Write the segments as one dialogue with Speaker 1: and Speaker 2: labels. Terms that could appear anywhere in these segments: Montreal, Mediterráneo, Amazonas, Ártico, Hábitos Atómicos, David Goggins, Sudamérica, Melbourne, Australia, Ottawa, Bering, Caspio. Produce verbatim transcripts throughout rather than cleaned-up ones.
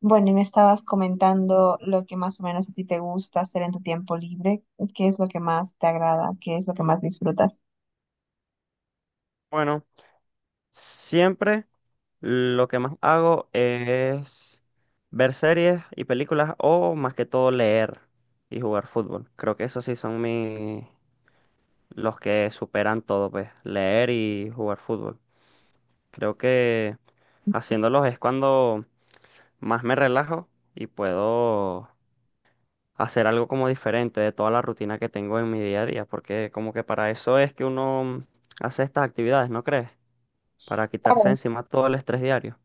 Speaker 1: Bueno, y me estabas comentando lo que más o menos a ti te gusta hacer en tu tiempo libre, qué es lo que más te agrada, qué es lo que más disfrutas.
Speaker 2: Bueno, siempre lo que más hago es ver series y películas o más que todo leer y jugar fútbol. Creo que esos sí son mi- los que superan todo, pues, leer y jugar fútbol. Creo que haciéndolos es cuando más me relajo y puedo hacer algo como diferente de toda la rutina que tengo en mi día a día, porque como que para eso es que uno hace estas actividades, ¿no crees? Para quitarse
Speaker 1: Claro.
Speaker 2: encima todo el estrés diario.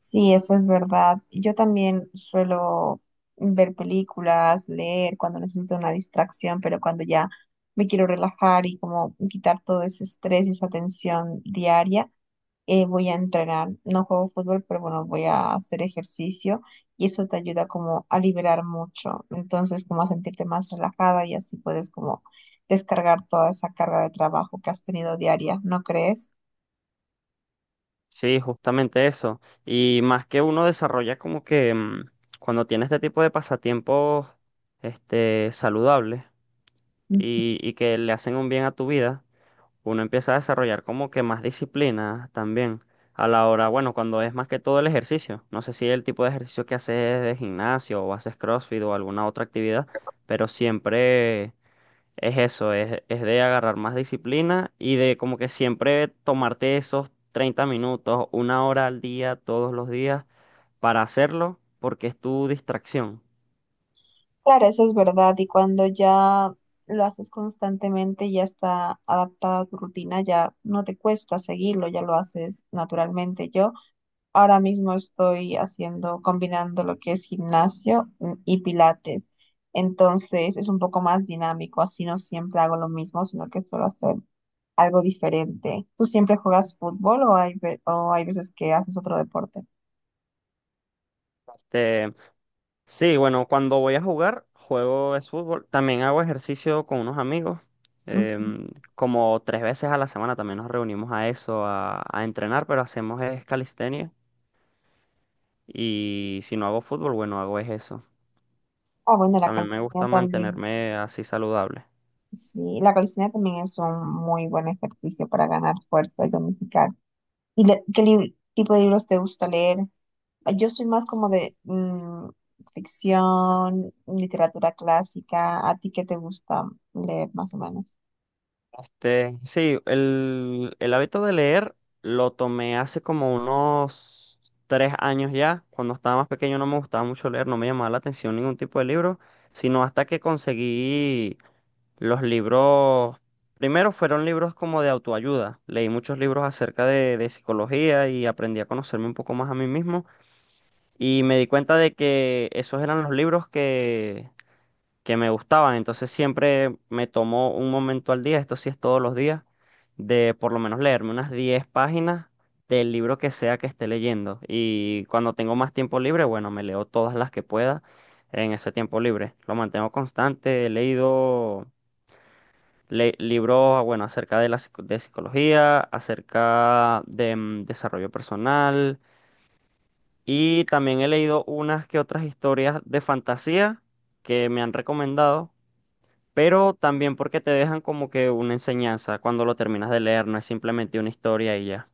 Speaker 1: Sí, eso es verdad. Yo también suelo ver películas, leer cuando necesito una distracción, pero cuando ya me quiero relajar y como quitar todo ese estrés y esa tensión diaria, eh, voy a entrenar, no juego fútbol, pero bueno, voy a hacer ejercicio y eso te ayuda como a liberar mucho, entonces como a sentirte más relajada y así puedes como descargar toda esa carga de trabajo que has tenido diaria, ¿no crees?
Speaker 2: Sí, justamente eso. Y más que uno desarrolla como que mm, cuando tiene este tipo de pasatiempos este, saludables
Speaker 1: Ujú.
Speaker 2: y, y que le hacen un bien a tu vida, uno empieza a desarrollar como que más disciplina también a la hora, bueno, cuando es más que todo el ejercicio. No sé si el tipo de ejercicio que haces es de gimnasio o haces CrossFit o alguna otra actividad, pero siempre es eso, es, es de agarrar más disciplina y de como que siempre tomarte esos treinta minutos, una hora al día, todos los días, para hacerlo, porque es tu distracción.
Speaker 1: Claro, eso es verdad. Y cuando ya lo haces constantemente, ya está adaptada a tu rutina, ya no te cuesta seguirlo, ya lo haces naturalmente. Yo Ahora mismo estoy haciendo, combinando lo que es gimnasio mm, y pilates. Entonces es un poco más dinámico, así no siempre hago lo mismo, sino que suelo hacer algo diferente. ¿Tú siempre juegas fútbol o hay, ve- o hay veces que haces otro deporte?
Speaker 2: Este, sí, bueno, cuando voy a jugar, juego es fútbol. También hago ejercicio con unos amigos.
Speaker 1: Ujú.
Speaker 2: em, Como tres veces a la semana también nos reunimos a eso, a, a entrenar, pero hacemos es calistenia. Y si no hago fútbol, bueno, hago es eso.
Speaker 1: Ah, bueno, la
Speaker 2: También me
Speaker 1: calistenia
Speaker 2: gusta
Speaker 1: también,
Speaker 2: mantenerme así saludable.
Speaker 1: sí, la calistenia también es un muy buen ejercicio para ganar fuerza y tonificar. ¿Y le- qué lib- tipo de libros te gusta leer? Yo soy más como de mm, ficción, literatura clásica. ¿A ti qué te gusta leer más o menos?
Speaker 2: Este, sí, el, el hábito de leer lo tomé hace como unos tres años ya. Cuando estaba más pequeño no me gustaba mucho leer, no me llamaba la atención ningún tipo de libro, sino hasta que conseguí los libros. Primero fueron libros como de autoayuda. Leí muchos libros acerca de, de psicología y aprendí a conocerme un poco más a mí mismo. Y me di cuenta de que esos eran los libros que que me gustaban. Entonces siempre me tomó un momento al día, esto sí es todos los días, de por lo menos leerme unas diez páginas del libro que sea que esté leyendo. Y cuando tengo más tiempo libre, bueno, me leo todas las que pueda en ese tiempo libre. Lo mantengo constante, he leído le- libros, bueno, acerca de la psico- de psicología, acerca de mm, desarrollo personal. Y también he leído unas que otras historias de fantasía que me han recomendado pero también porque te dejan como que una enseñanza cuando lo terminas de leer, no es simplemente una historia y ya.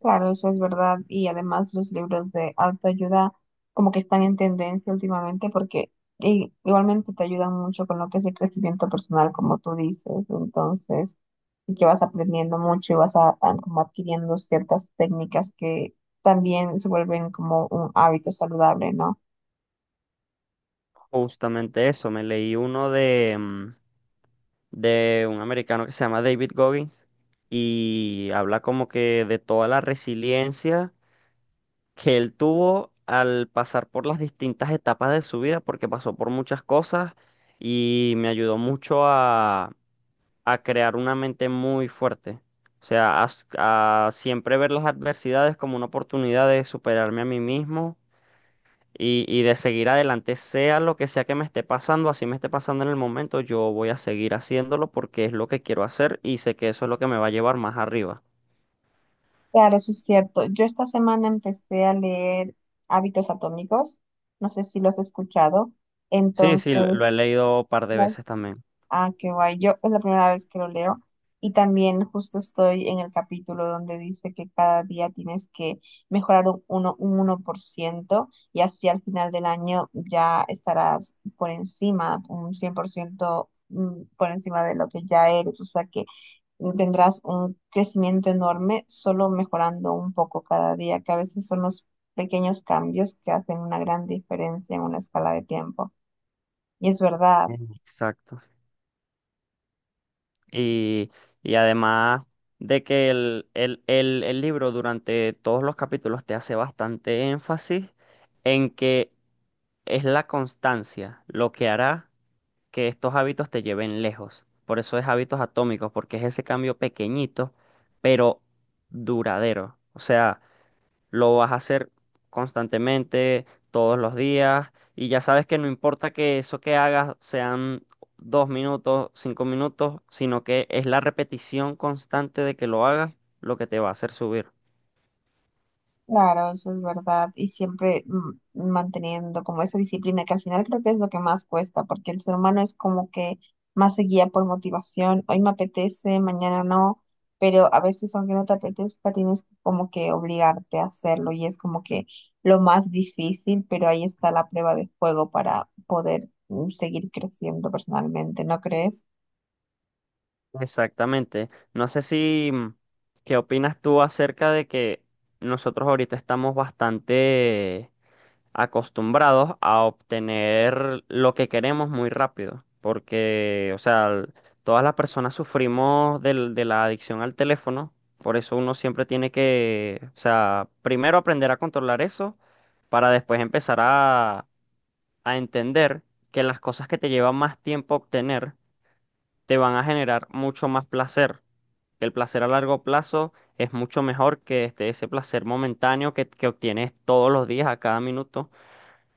Speaker 1: Claro, eso es verdad. Y además los libros de autoayuda como que están en tendencia últimamente porque i- igualmente te ayudan mucho con lo que es el crecimiento personal, como tú dices. Entonces, y que vas aprendiendo mucho y vas a- a- como adquiriendo ciertas técnicas que también se vuelven como un hábito saludable, ¿no?
Speaker 2: Justamente eso, me leí uno de, mm, de un americano que se llama David Goggins y habla como que de toda la resiliencia que él tuvo al pasar por las distintas etapas de su vida, porque pasó por muchas cosas y me ayudó mucho a crear una mente muy fuerte. O sea, a, s- a siempre ver las adversidades como una oportunidad de superarme a mí mismo y, y de seguir adelante, sea lo que sea que me esté pasando, así me esté pasando en el momento, yo voy a seguir haciéndolo porque es lo que quiero hacer y sé que eso es lo que me va a llevar más arriba.
Speaker 1: Claro, eso es cierto. Yo esta semana empecé a leer Hábitos Atómicos, no sé si los has escuchado.
Speaker 2: Sí,
Speaker 1: Entonces,
Speaker 2: sí, lo, lo he leído un par de
Speaker 1: claro.
Speaker 2: veces también.
Speaker 1: Ah, qué guay. Yo es la primera vez que lo leo y también justo estoy en el capítulo donde dice que cada día tienes que mejorar un, uno, un uno por ciento y así al final del año ya estarás por encima, un cien por ciento mm, por encima de lo que ya eres. O sea que tendrás un crecimiento enorme solo mejorando un poco cada día, que a veces son los pequeños cambios que hacen una gran diferencia en una escala de tiempo. Y es verdad.
Speaker 2: Mm. Exacto. Y, y además de que el, el, el, el libro durante todos los capítulos te hace bastante énfasis en que es la constancia lo que hará que estos hábitos te lleven lejos. Por eso es hábitos atómicos, porque es ese cambio pequeñito, pero duradero. O sea, lo vas a hacer constantemente, todos los días, y ya sabes que no importa que eso que hagas sean dos minutos, cinco minutos, sino que es la repetición constante de que lo hagas lo que te va a hacer subir.
Speaker 1: Claro, eso es verdad. Y siempre mm, manteniendo como esa disciplina que al final creo que es lo que más cuesta, porque el ser humano es como que más se guía por motivación. Hoy me apetece, mañana no, pero a veces aunque no te apetezca, tienes como que obligarte a hacerlo y es como que lo más difícil, pero ahí está la prueba de fuego para poder mm, seguir creciendo personalmente, ¿no crees?
Speaker 2: Exactamente. No sé si, mm, ¿qué opinas tú acerca de que nosotros ahorita estamos bastante acostumbrados a obtener lo que queremos muy rápido? Porque, o sea, l- todas las personas sufrimos del- de la adicción al teléfono, por eso uno siempre tiene que, o sea, primero aprender a controlar eso para después empezar a, a entender que las cosas que te llevan más tiempo obtener te van a generar mucho más placer. El placer a largo plazo es mucho mejor que este, ese placer momentáneo que, que obtienes todos los días, a cada minuto,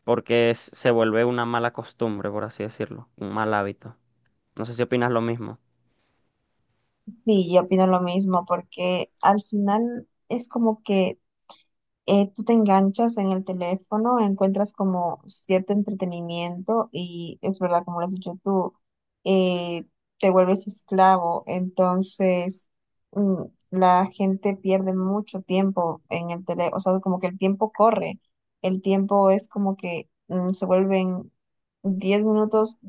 Speaker 2: porque es- se vuelve una mala costumbre, por así decirlo, un mal hábito. No sé si opinas lo mismo.
Speaker 1: Sí, yo opino lo mismo, porque al final es como que eh, tú te enganchas en el teléfono, encuentras como cierto entretenimiento y es verdad, como lo has dicho tú, eh, te vuelves esclavo, entonces mm, la gente pierde mucho tiempo en el teléfono, o sea, como que el tiempo corre, el tiempo es como que mm, se vuelven diez minutos,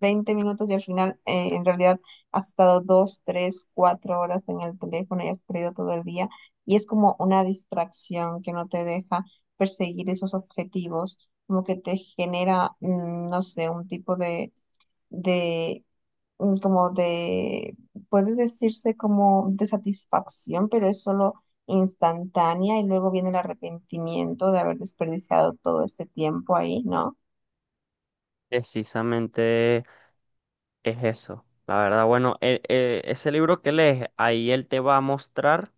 Speaker 1: Veinte minutos y al final, eh, en realidad, has estado dos, tres, cuatro horas en el teléfono y has perdido todo el día, y es como una distracción que no te deja perseguir esos objetivos, como que te genera, mm, no sé, un tipo de, de mm, como de, puede decirse como de satisfacción, pero es solo instantánea y luego viene el arrepentimiento de haber desperdiciado todo ese tiempo ahí, ¿no?
Speaker 2: Precisamente es eso. La verdad, bueno, e- e- ese libro que lees, ahí él te va a mostrar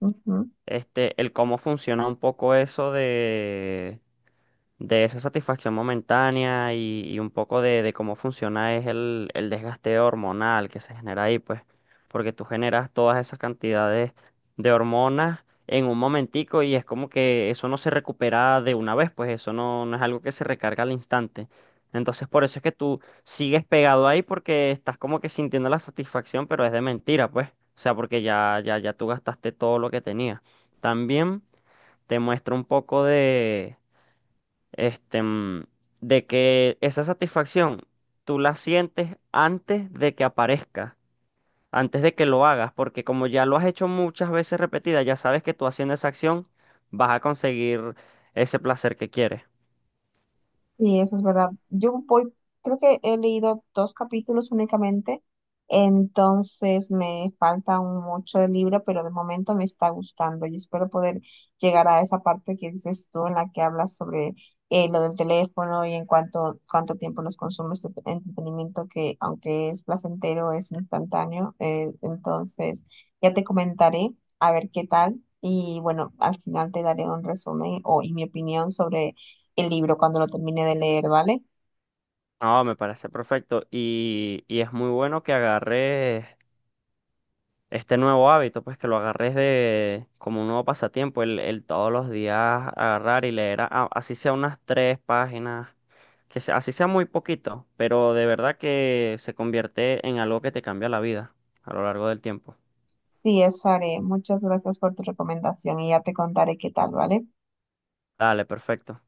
Speaker 1: Ujú.
Speaker 2: este, el cómo funciona un poco eso de de esa satisfacción momentánea y, y un poco de, de cómo funciona es el, el desgaste hormonal que se genera ahí, pues, porque tú generas todas esas cantidades de hormonas en un momentico y es como que eso no se recupera de una vez, pues eso no, no es algo que se recarga al instante. Entonces, por eso es que tú sigues pegado ahí porque estás como que sintiendo la satisfacción, pero es de mentira, pues. O sea, porque ya, ya, ya tú gastaste todo lo que tenías. También te muestra un poco de, este, mm, de que esa satisfacción tú la sientes antes de que aparezca, antes de que lo hagas, porque como ya lo has hecho muchas veces repetidas, ya sabes que tú haciendo esa acción vas a conseguir ese placer que quieres.
Speaker 1: Sí, eso es verdad. Yo voy, creo que he leído dos capítulos únicamente, entonces me falta un mucho del libro, pero de momento me está gustando y espero poder llegar a esa parte que dices tú en la que hablas sobre eh, lo del teléfono y en cuánto, cuánto tiempo nos consume este entretenimiento que aunque es placentero, es instantáneo. Eh, entonces ya te comentaré a ver qué tal y bueno, al final te daré un resumen o, y mi opinión sobre el libro cuando lo termine de leer, ¿vale?
Speaker 2: No, me parece perfecto y, y es muy bueno que agarres este nuevo hábito, pues que lo agarres de como un nuevo pasatiempo, el, el todos los días agarrar y leer, a- a- así sea unas tres páginas, que sea- así sea muy poquito, pero de verdad que se convierte en algo que te cambia la vida a lo largo del tiempo.
Speaker 1: Sí, eso haré. Muchas gracias por tu recomendación y ya te contaré qué tal, ¿vale?
Speaker 2: Dale, perfecto.